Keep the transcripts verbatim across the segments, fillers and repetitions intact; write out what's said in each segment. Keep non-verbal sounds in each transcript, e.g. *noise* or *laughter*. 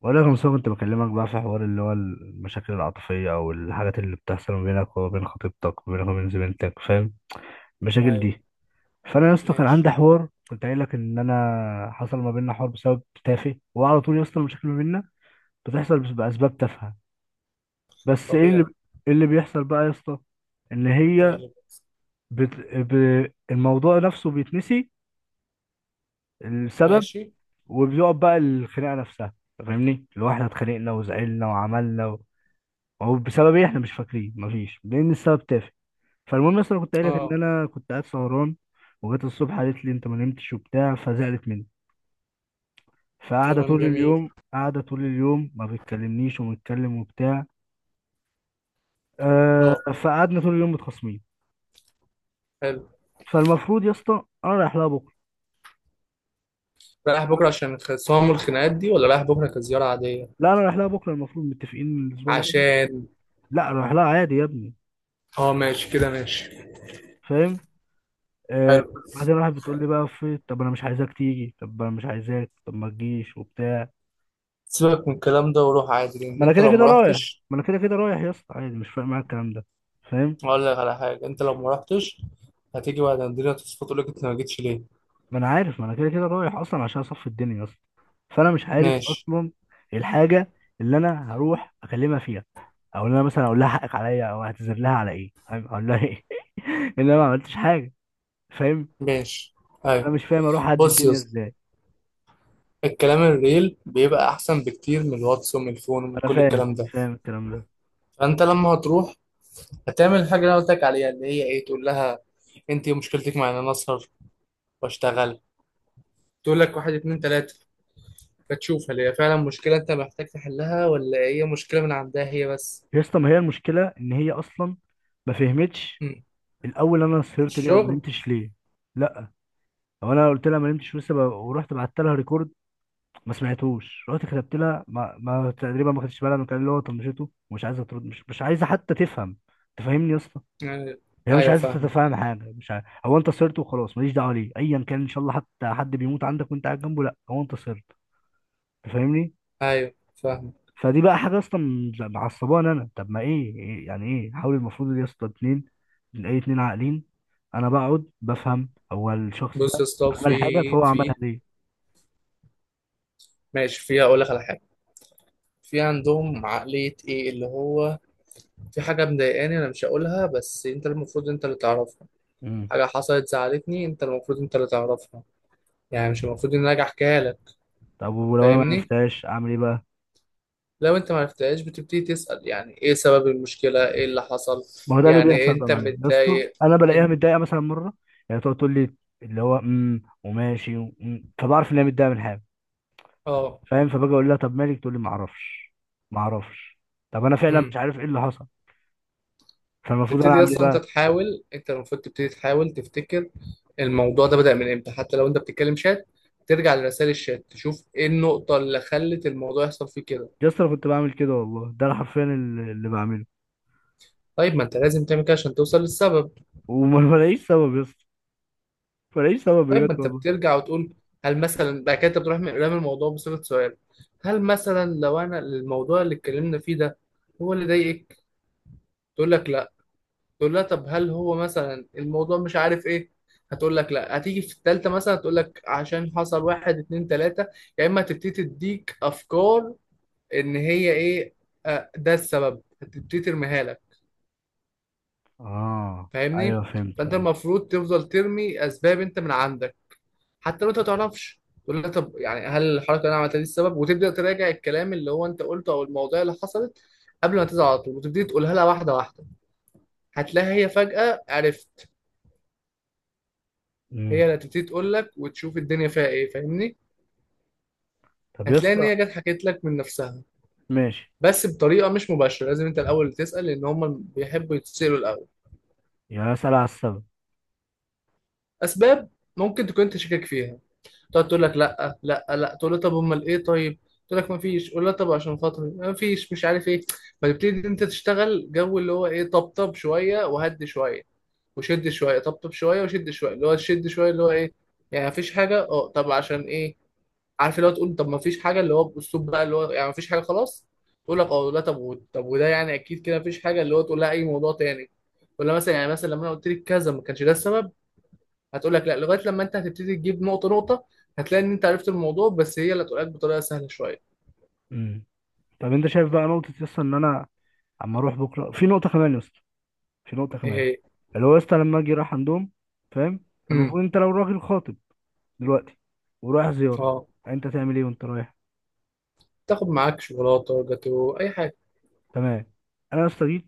ولا كم سنة كنت بكلمك بقى في حوار اللي هو المشاكل العاطفية أو الحاجات اللي بتحصل ما بينك وما بين خطيبتك وما بينك وما بين زميلتك، فاهم المشاكل ايوه. دي؟ فأنا يا اسطى كان ماشي. عندي حوار كنت قايل لك إن أنا حصل ما بيننا حوار بسبب تافه، وعلى طول يا اسطى المشاكل ما بيننا بتحصل بس- بأسباب تافهة. بس إيه اللي طبيعي. إيه اللي بيحصل بقى يا اسطى؟ إن هي نقلب. بت... ب... الموضوع نفسه بيتنسي، السبب. ماشي. وبيقعد بقى الخناقة نفسها، فاهمني؟ اللي هو احنا اتخانقنا وزعلنا وعملنا هو بسبب ايه، احنا مش فاكرين، مفيش، لان السبب تافه. فالمهم اصلا كنت قايل لك ان اه. انا كنت قاعد سهران، وجت الصبح قالت لي انت ما نمتش وبتاع، فزعلت مني. فقاعده كلام طول جميل. اليوم، قاعده طول اليوم ما بتكلمنيش ومتكلم وبتاع. آه. اه. فقعدنا طول اليوم متخاصمين. حلو. فالمفروض يا اسطى انا رايح لها بكره. رايح بكره عشان الخصام والخناقات دي ولا رايح بكره كزياره عاديه؟ لا، انا رايح لها بكره المفروض، متفقين من الاسبوع اللي فات. عشان. لا، رايح لها عادي يا ابني. اه ماشي كده، ماشي. فاهم. آه. حلو. بعدين راحت بتقول لي بقى، في طب انا مش عايزاك تيجي، طب انا مش عايزاك، طب ما تجيش وبتاع. سيبك من الكلام ده وروح عادي لان ما انا انت كده لو ما كده رايح. رحتش. ما انا كده كده رايح يا اسطى عادي، مش فارق معايا الكلام ده، فاهم. هقول لك على حاجه، انت لو ما رحتش هتيجي بعد الدنيا تصفى تقول لك انت ما جيتش ليه. ما انا عارف، ما انا كده كده رايح اصلا عشان اصفي الدنيا يا اسطى. فانا مش عارف ماشي. اصلا الحاجه اللي انا هروح اكلمها فيها، او ان انا مثلا اقول لها حقك عليا او اعتذر لها على ايه، فاهم؟ اقول لها ايه *laughs* ان انا ما عملتش حاجه، فاهم؟ ماشي. فانا ايوه. مش فاهم اروح اعدي بص يا الدنيا اسطى، ازاي. الكلام الريل بيبقى احسن بكتير من الواتس ومن الفون ما ومن انا كل فاهم الكلام ده. فاهم الكلام ده. فانت لما هتروح هتعمل الحاجة اللي انا قلت لك عليها، اللي هي ايه، تقول لها انت إيه مشكلتك مع ان انا اسهر واشتغل، تقول لك واحد اتنين تلاتة، فتشوف هل هي فعلا مشكلة انت محتاج تحلها ولا هي مشكلة من عندها هي بس. يا اسطى ما هي المشكله ان هي اصلا ما فهمتش مم. الاول انا سهرت ليه او ما الشغل. نمتش ليه. لا، هو انا قلت لها ما نمتش لسه ب... ورحت بعت لها ريكورد ما سمعتوش، رحت كتبت لها، ما, ما تقريبا ما خدتش بالها من الكلام، اللي هو طنشته ومش عايزه ترد، مش... مش عايزه حتى تفهم، تفهمني يا اسطى؟ يعني- هي مش ايوه عايزه فاهم. تتفهم حاجه، مش عايز... هو انت صرت وخلاص، ماليش دعوه ليه، ايا كان ان شاء الله حتى حد بيموت عندك وانت قاعد جنبه، لا هو انت صرت، تفهمني؟ ايوه فاهم. فدي بقى حاجه اصلا معصبانه انا. طب ما ايه، إيه- يعني ايه، حاول، المفروض يا اسطى اتنين، اي اتنين عاقلين، انا بقعد بفهم هو الشخص بص ده يا اسطى، عمل حاجه، في فهو عملها في ليه. ماشي، في هقول لك على حاجة. في عندهم عقلية ايه اللي هو في حاجة مضايقاني انا مش هقولها، بس انت المفروض انت اللي تعرفها. مم. حاجة حصلت زعلتني، انت المفروض انت اللي تعرفها. يعني مش المفروض ان انا اجي احكيها لك، طب ولو انا ما فاهمني. عرفتهاش اعمل ايه بقى؟ لو انت ما عرفتهاش بتبتدي تسأل، يعني ايه سبب المشكلة، ايه اللي حصل. ما هو ده اللي يعني إيه بيحصل بقى انت معايا يا اسطى، متضايق؟ انا بلاقيها انت. متضايقه مثلا مره، يعني تقعد تقول لي اللي هو امم وماشي ومم، فبعرف ان هي متضايقه من حاجه، اه. فاهم. فباجي اقول لها طب مالك، تقول لي ما اعرفش، ما اعرفش. طب انا فعلا مش امم. عارف ايه اللي حصل، فالمفروض انا تبتدي اعمل ايه اصلا انت بقى؟ تحاول، انت المفروض تبتدي تحاول تفتكر الموضوع ده بدأ من امتى. حتى لو انت بتتكلم شات، ترجع لرسائل الشات تشوف ايه النقطة اللي خلت الموضوع يحصل فيه كده. يا اسطى انا كنت بعمل كده والله، ده انا حرفيا اللي اللي بعمله، طيب ما انت لازم تعمل كده عشان توصل للسبب. وما *laughs* بلاقيش سبب يا اسطى، ما بلاقيش سبب طيب بجد ما انت والله. بترجع وتقول، هل مثلا بعد كده انت بتروح من قدام الموضوع بصيغة سؤال، هل مثلا لو انا الموضوع اللي اتكلمنا فيه ده هو اللي ضايقك، تقول لك لا، تقول لها طب هل هو مثلا الموضوع مش عارف ايه، هتقول لك لا، هتيجي في التالتة مثلا هتقول لك عشان حصل واحد اتنين تلاتة. يا اما هتبتدي تديك افكار ان هي ايه، آه، ده السبب، هتبتدي ترميها لك، اه. فاهمني. ايوه فهمت، فانت ايوه. المفروض تفضل ترمي اسباب انت من عندك، حتى لو انت ما تعرفش تقول لها طب يعني هل الحركة اللي انا عملتها دي السبب، وتبدأ تراجع الكلام اللي هو انت قلته او المواضيع اللي حصلت قبل ما تزعل على طول، وتبتدي تقولها لها واحدة واحدة. هتلاقيها هي فجأة عرفت، هي امم. اللي هتبتدي تقول لك، وتشوف الدنيا فيها ايه، فاهمني. طب يا هتلاقي ان اسطى. هي جت حكيت لك من نفسها، ماشي. بس بطريقه مش مباشره، لازم انت الاول تسال لان هم بيحبوا يتسالوا الاول. يعني اسال على السبب. اسباب ممكن تكون انت شاكك فيها، تقعد تقول لك لا لا لا، تقول لها طب امال ايه، طيب، تقول لك ما فيش، قول لها طب عشان خاطري، ما فيش مش عارف ايه. فتبتدي انت تشتغل جو اللي هو ايه، طبطب شويه وهدي شويه، وشد شويه طبطب شويه وشد شويه، اللي هو شد شويه، اللي هو ايه، يعني مفيش حاجه، اه طب عشان ايه، عارف اللي هو تقول طب ما فيش حاجه، اللي هو باسلوب بقى، اللي هو يعني ما فيش حاجه خلاص، تقول لك اه لا، طب و- طب وده يعني اكيد كده ما فيش حاجه، اللي هو تقول لها اي موضوع تاني، ولا مثلا يعني مثلا لما انا قلت لك كذا ما كانش ده السبب، هتقول لك لا، لغايه لما انت هتبتدي تجيب نقطه نقطه، هتلاقي ان انت عرفت الموضوع بس هي اللي هتقول لك بطريقه سهله شويه. امم. طب انت شايف بقى نقطه يا اسطى ان انا اما اروح بكره، في نقطه كمان يا اسطى، في نقطه ايه كمان. هي؟ اللي هو يا اسطى لما اجي رايح عندهم، فاهم، امم. فالمفروض انت لو راجل خاطب دلوقتي ورايح زياره، اه. انت تعمل ايه وانت رايح؟ تاخد معاك شوكولاته، جاتو، اي حاجه. تمام. انا يا اسطى جيت،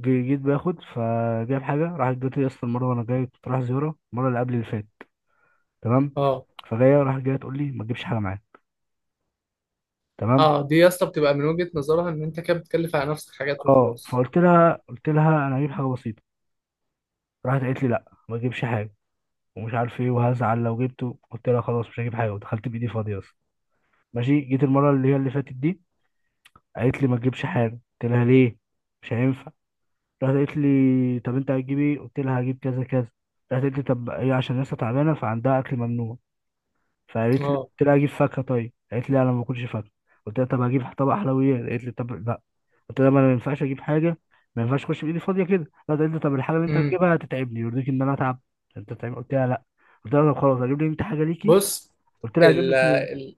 جي- جيت باخد، فجايب حاجه، راحت جت يا اسطى المره، وانا جاي كنت رايح زياره المره اللي قبل اللي فاتت، تمام. اه. فجايه راحت جايه تقول لي ما تجيبش حاجه معايا. تمام. اه، دي يا اسطى بتبقى من وجهه نظرها ان انت كده بتكلف على نفسك حاجات اه. وخلاص. فقلت لها قلت لها انا هجيب حاجه بسيطه، راحت قالت لي لا ما تجيبش حاجه ومش عارف ايه وهزعل لو جبته، قلت لها خلاص مش هجيب حاجه، ودخلت بايدي فاضيه. ماشي. جيت المره اللي هي اللي فاتت دي، قالت لي ما تجيبش حاجه، قلت لها ليه، مش هينفع. راحت قالت لي طب انت هتجيب ايه، قلت لها هجيب كذا كذا، راحت قالت لي طب هي عشان لسه تعبانه فعندها اكل ممنوع، فقالت لي اه. قلت لها هجيب فاكهه، طيب قالت لي انا ما باكلش فاكهه، قلت لها طب هجيب طبق حلويات، قالت لي طب لا. قلت لها ما انا ما ينفعش اجيب حاجه، ما ينفعش اخش بايدي فاضيه كده. راحت قالت لي طب الحاجه اللي انت امم. هتجيبها هتتعبني، يرضيك ان انا اتعب انت تعبان؟ قلت لها لا، قلت لها طب خلاص هجيب لي انت حاجه ليكي، بص. قلت لها هجيب ال لك، ال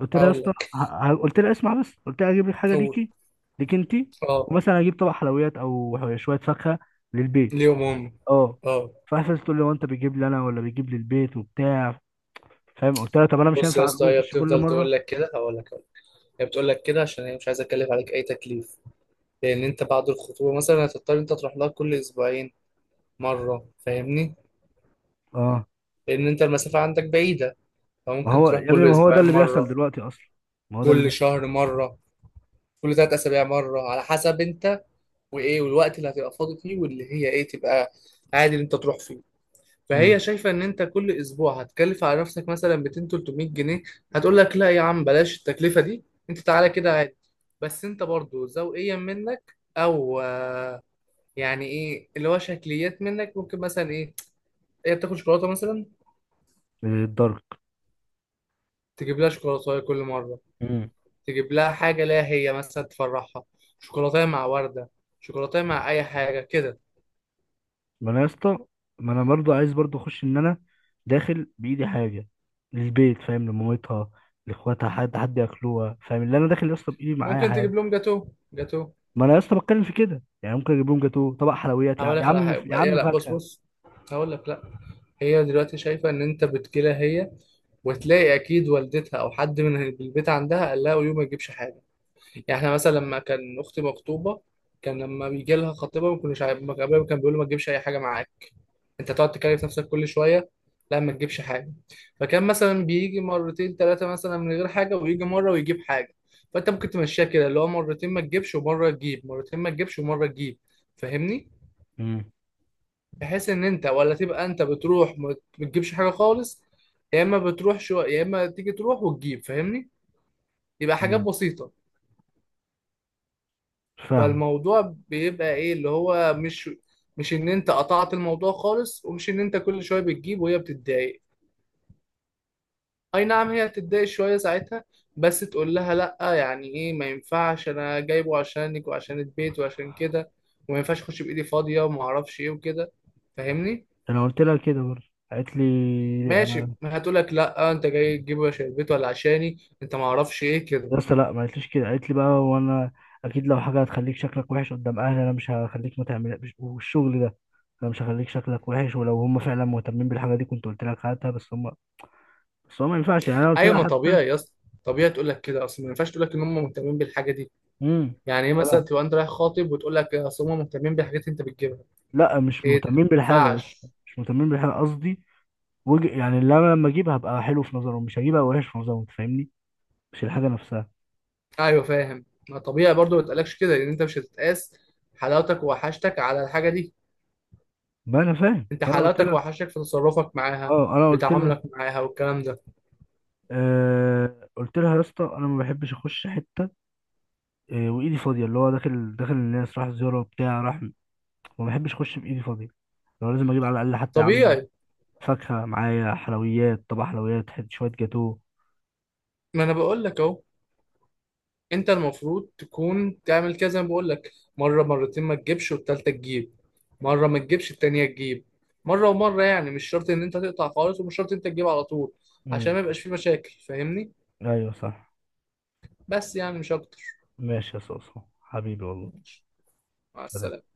قلت لها يا هقول اسطى، لك. ه- ه- قلت لها اسمع بس، قلت لها اجيب لك حاجه قول. ليكي، ليك انت، اه. ومثلا اجيب طبق حلويات او شويه فاكهه للبيت. ليهم هم. اه. اه. فقفلت تقول لي هو انت بتجيب لي انا ولا بتجيب للبيت وبتاع، فاهم. قلت لها طب انا مش بص يا هينفع أجو- اسطى، هي اخش كل بتفضل تقول مره. لك كده، هقول لك هقول لك. هي بتقول لك كده عشان هي مش عايزه اكلف عليك اي تكليف، لان انت بعد الخطوبه مثلا هتضطر انت تروح لها كل اسبوعين مره، فاهمني. اه. لان انت المسافه عندك بعيده، ما فممكن هو تروح يا ابني، كل ما هو ده اسبوعين اللي بيحصل مره، دلوقتي اصلا، ما هو ده اللي كل بيحصل. شهر مره، كل ثلاث اسابيع مره، على حسب انت وايه، والوقت اللي هتبقى فاضي فيه واللي هي ايه تبقى عادي ان انت تروح فيه. فهي امم. شايفه ان انت كل اسبوع هتكلف على نفسك مثلا مئتين ثلاثمية جنيه، هتقول لك لا يا عم بلاش التكلفه دي، انت تعالى كده عادي. بس انت برضو ذوقيا منك، او آه، يعني ايه اللي هو شكليات منك، ممكن مثلا ايه، هي بتاكل شوكولاته مثلا، الضرب. تجيب لها شوكولاته كل مره، امم. تجيب لها حاجه ليها هي مثلا تفرحها، شوكولاته مع ورده، شوكولاته مع اي حاجه كده. ما انا يا اسطى ما انا برضو عايز، برضو اخش ان انا داخل بايدي حاجه للبيت، فاهم، لمامتها، لاخواتها، حد حد ياكلوها، فاهم، اللي انا داخل يا اسطى بايدي معايا ممكن حاجه. تجيب لهم جاتو، جاتو. ما انا لسه بتكلم في كده، يعني ممكن اجيب لهم جاتوه، طبق حلويات، يا هقول يا لك على عم حاجه، يا هي عم لا، بص فاكهه. بص، هقول لك لا، هي دلوقتي شايفه ان انت بتجيلها هي، وتلاقي اكيد والدتها او حد من البيت عندها قال لها ويوم ما تجيبش حاجه. يعني احنا مثلا لما كان اختي مخطوبه، كان لما بيجي لها خطيبها ما كناش عارف- ما كان أبويا كان بيقول له ما تجيبش اي حاجه معاك، انت تقعد تكلف نفسك كل شويه، لا ما تجيبش حاجه. فكان مثلا بيجي مرتين ثلاثه مثلا من غير حاجه، ويجي مره ويجيب حاجه. فانت ممكن تمشيها كده، اللي هو مرتين ما تجيبش ومره تجيب، مرتين ما تجيبش ومره تجيب، فاهمني. مم. بحيث ان انت ولا تبقى انت بتروح ما بتجيبش حاجه خالص، يا اما بتروح شو، يا اما تيجي تروح وتجيب، فاهمني، يبقى حاجات مم. بسيطه. فاهم. فالموضوع بيبقى ايه، اللي هو مش مش ان انت قطعت الموضوع خالص، ومش ان انت كل شويه بتجيب وهي بتتضايق، اي نعم هي بتتضايق شويه ساعتها، بس تقول لها لا، يعني ايه ما ينفعش، انا جايبه عشانك وعشان البيت وعشان كده، وما ينفعش اخش بايدي فاضيه وما اعرفش ايه وكده، فاهمني. انا قلت لها كده برضه، قالت لي ماشي. انا هتقول لك لا انت جاي تجيبه عشان البيت ولا عشاني، انت ما اعرفش ايه كده. لسه، لا ما قالتليش كده، قالت لي بقى وانا اكيد لو حاجه هتخليك شكلك وحش قدام اهلي انا مش هخليك ما تعمل والشغل ده، انا مش هخليك شكلك وحش، ولو هم فعلا مهتمين بالحاجه دي كنت قلت لك هاتها، بس هم، بس هم ما ينفعش يعني، انا قلت ايوه، لها ما حتى. طبيعي يا اسطى، طبيعي تقول لك كده، اصل ما ينفعش تقول لك ان هم مهتمين بالحاجه دي. مم. يعني ايه مثلا لا تبقى انت رايح خاطب وتقول لك اصل هم مهتمين بالحاجات اللي انت بتجيبها، لا، مش ايه ده مهتمين ما بالحاجه لسه، ينفعش. مش مهتمين بالحاجه قصدي، وج... يعني اللي انا لما اجيبها هبقى حلو في نظرهم، مش هجيبها وحش في نظرهم، انت فاهمني، مش الحاجه نفسها. ايوه فاهم. ما طبيعي برضو، ما تقلقش كده، لان انت مش هتتقاس حلاوتك ووحشتك على الحاجه دي، ما انا فاهم، انت فانا قلت حلاوتك لها. ووحشتك في تصرفك معاها، اه انا في قلت لها تعاملك معاها والكلام ده. آه... قلت لها يا اسطى انا ما بحبش اخش حته آه... وايدي فاضيه، اللي هو داخل داخل الناس راح زياره وبتاع، راح ما بحبش اخش بايدي فاضيه، لو لازم اجيب على الاقل حتى يا عم طبيعي. فاكهه معايا، حلويات، طبق حلويات، حت- شويه جاتوه. ما انا بقول لك اهو، انت المفروض تكون تعمل كده زي ما بقول لك، مره مرتين ما تجيبش والتالتة تجيب، مره ما تجيبش التانية تجيب، مره ومره، يعني مش شرط ان انت تقطع خالص، ومش شرط انت تجيب على طول، عشان امم. ما يبقاش في مشاكل، فاهمني، ايوه صح. بس يعني مش اكتر. ماشي يا صوصو حبيبي والله. مع سلام. السلامه.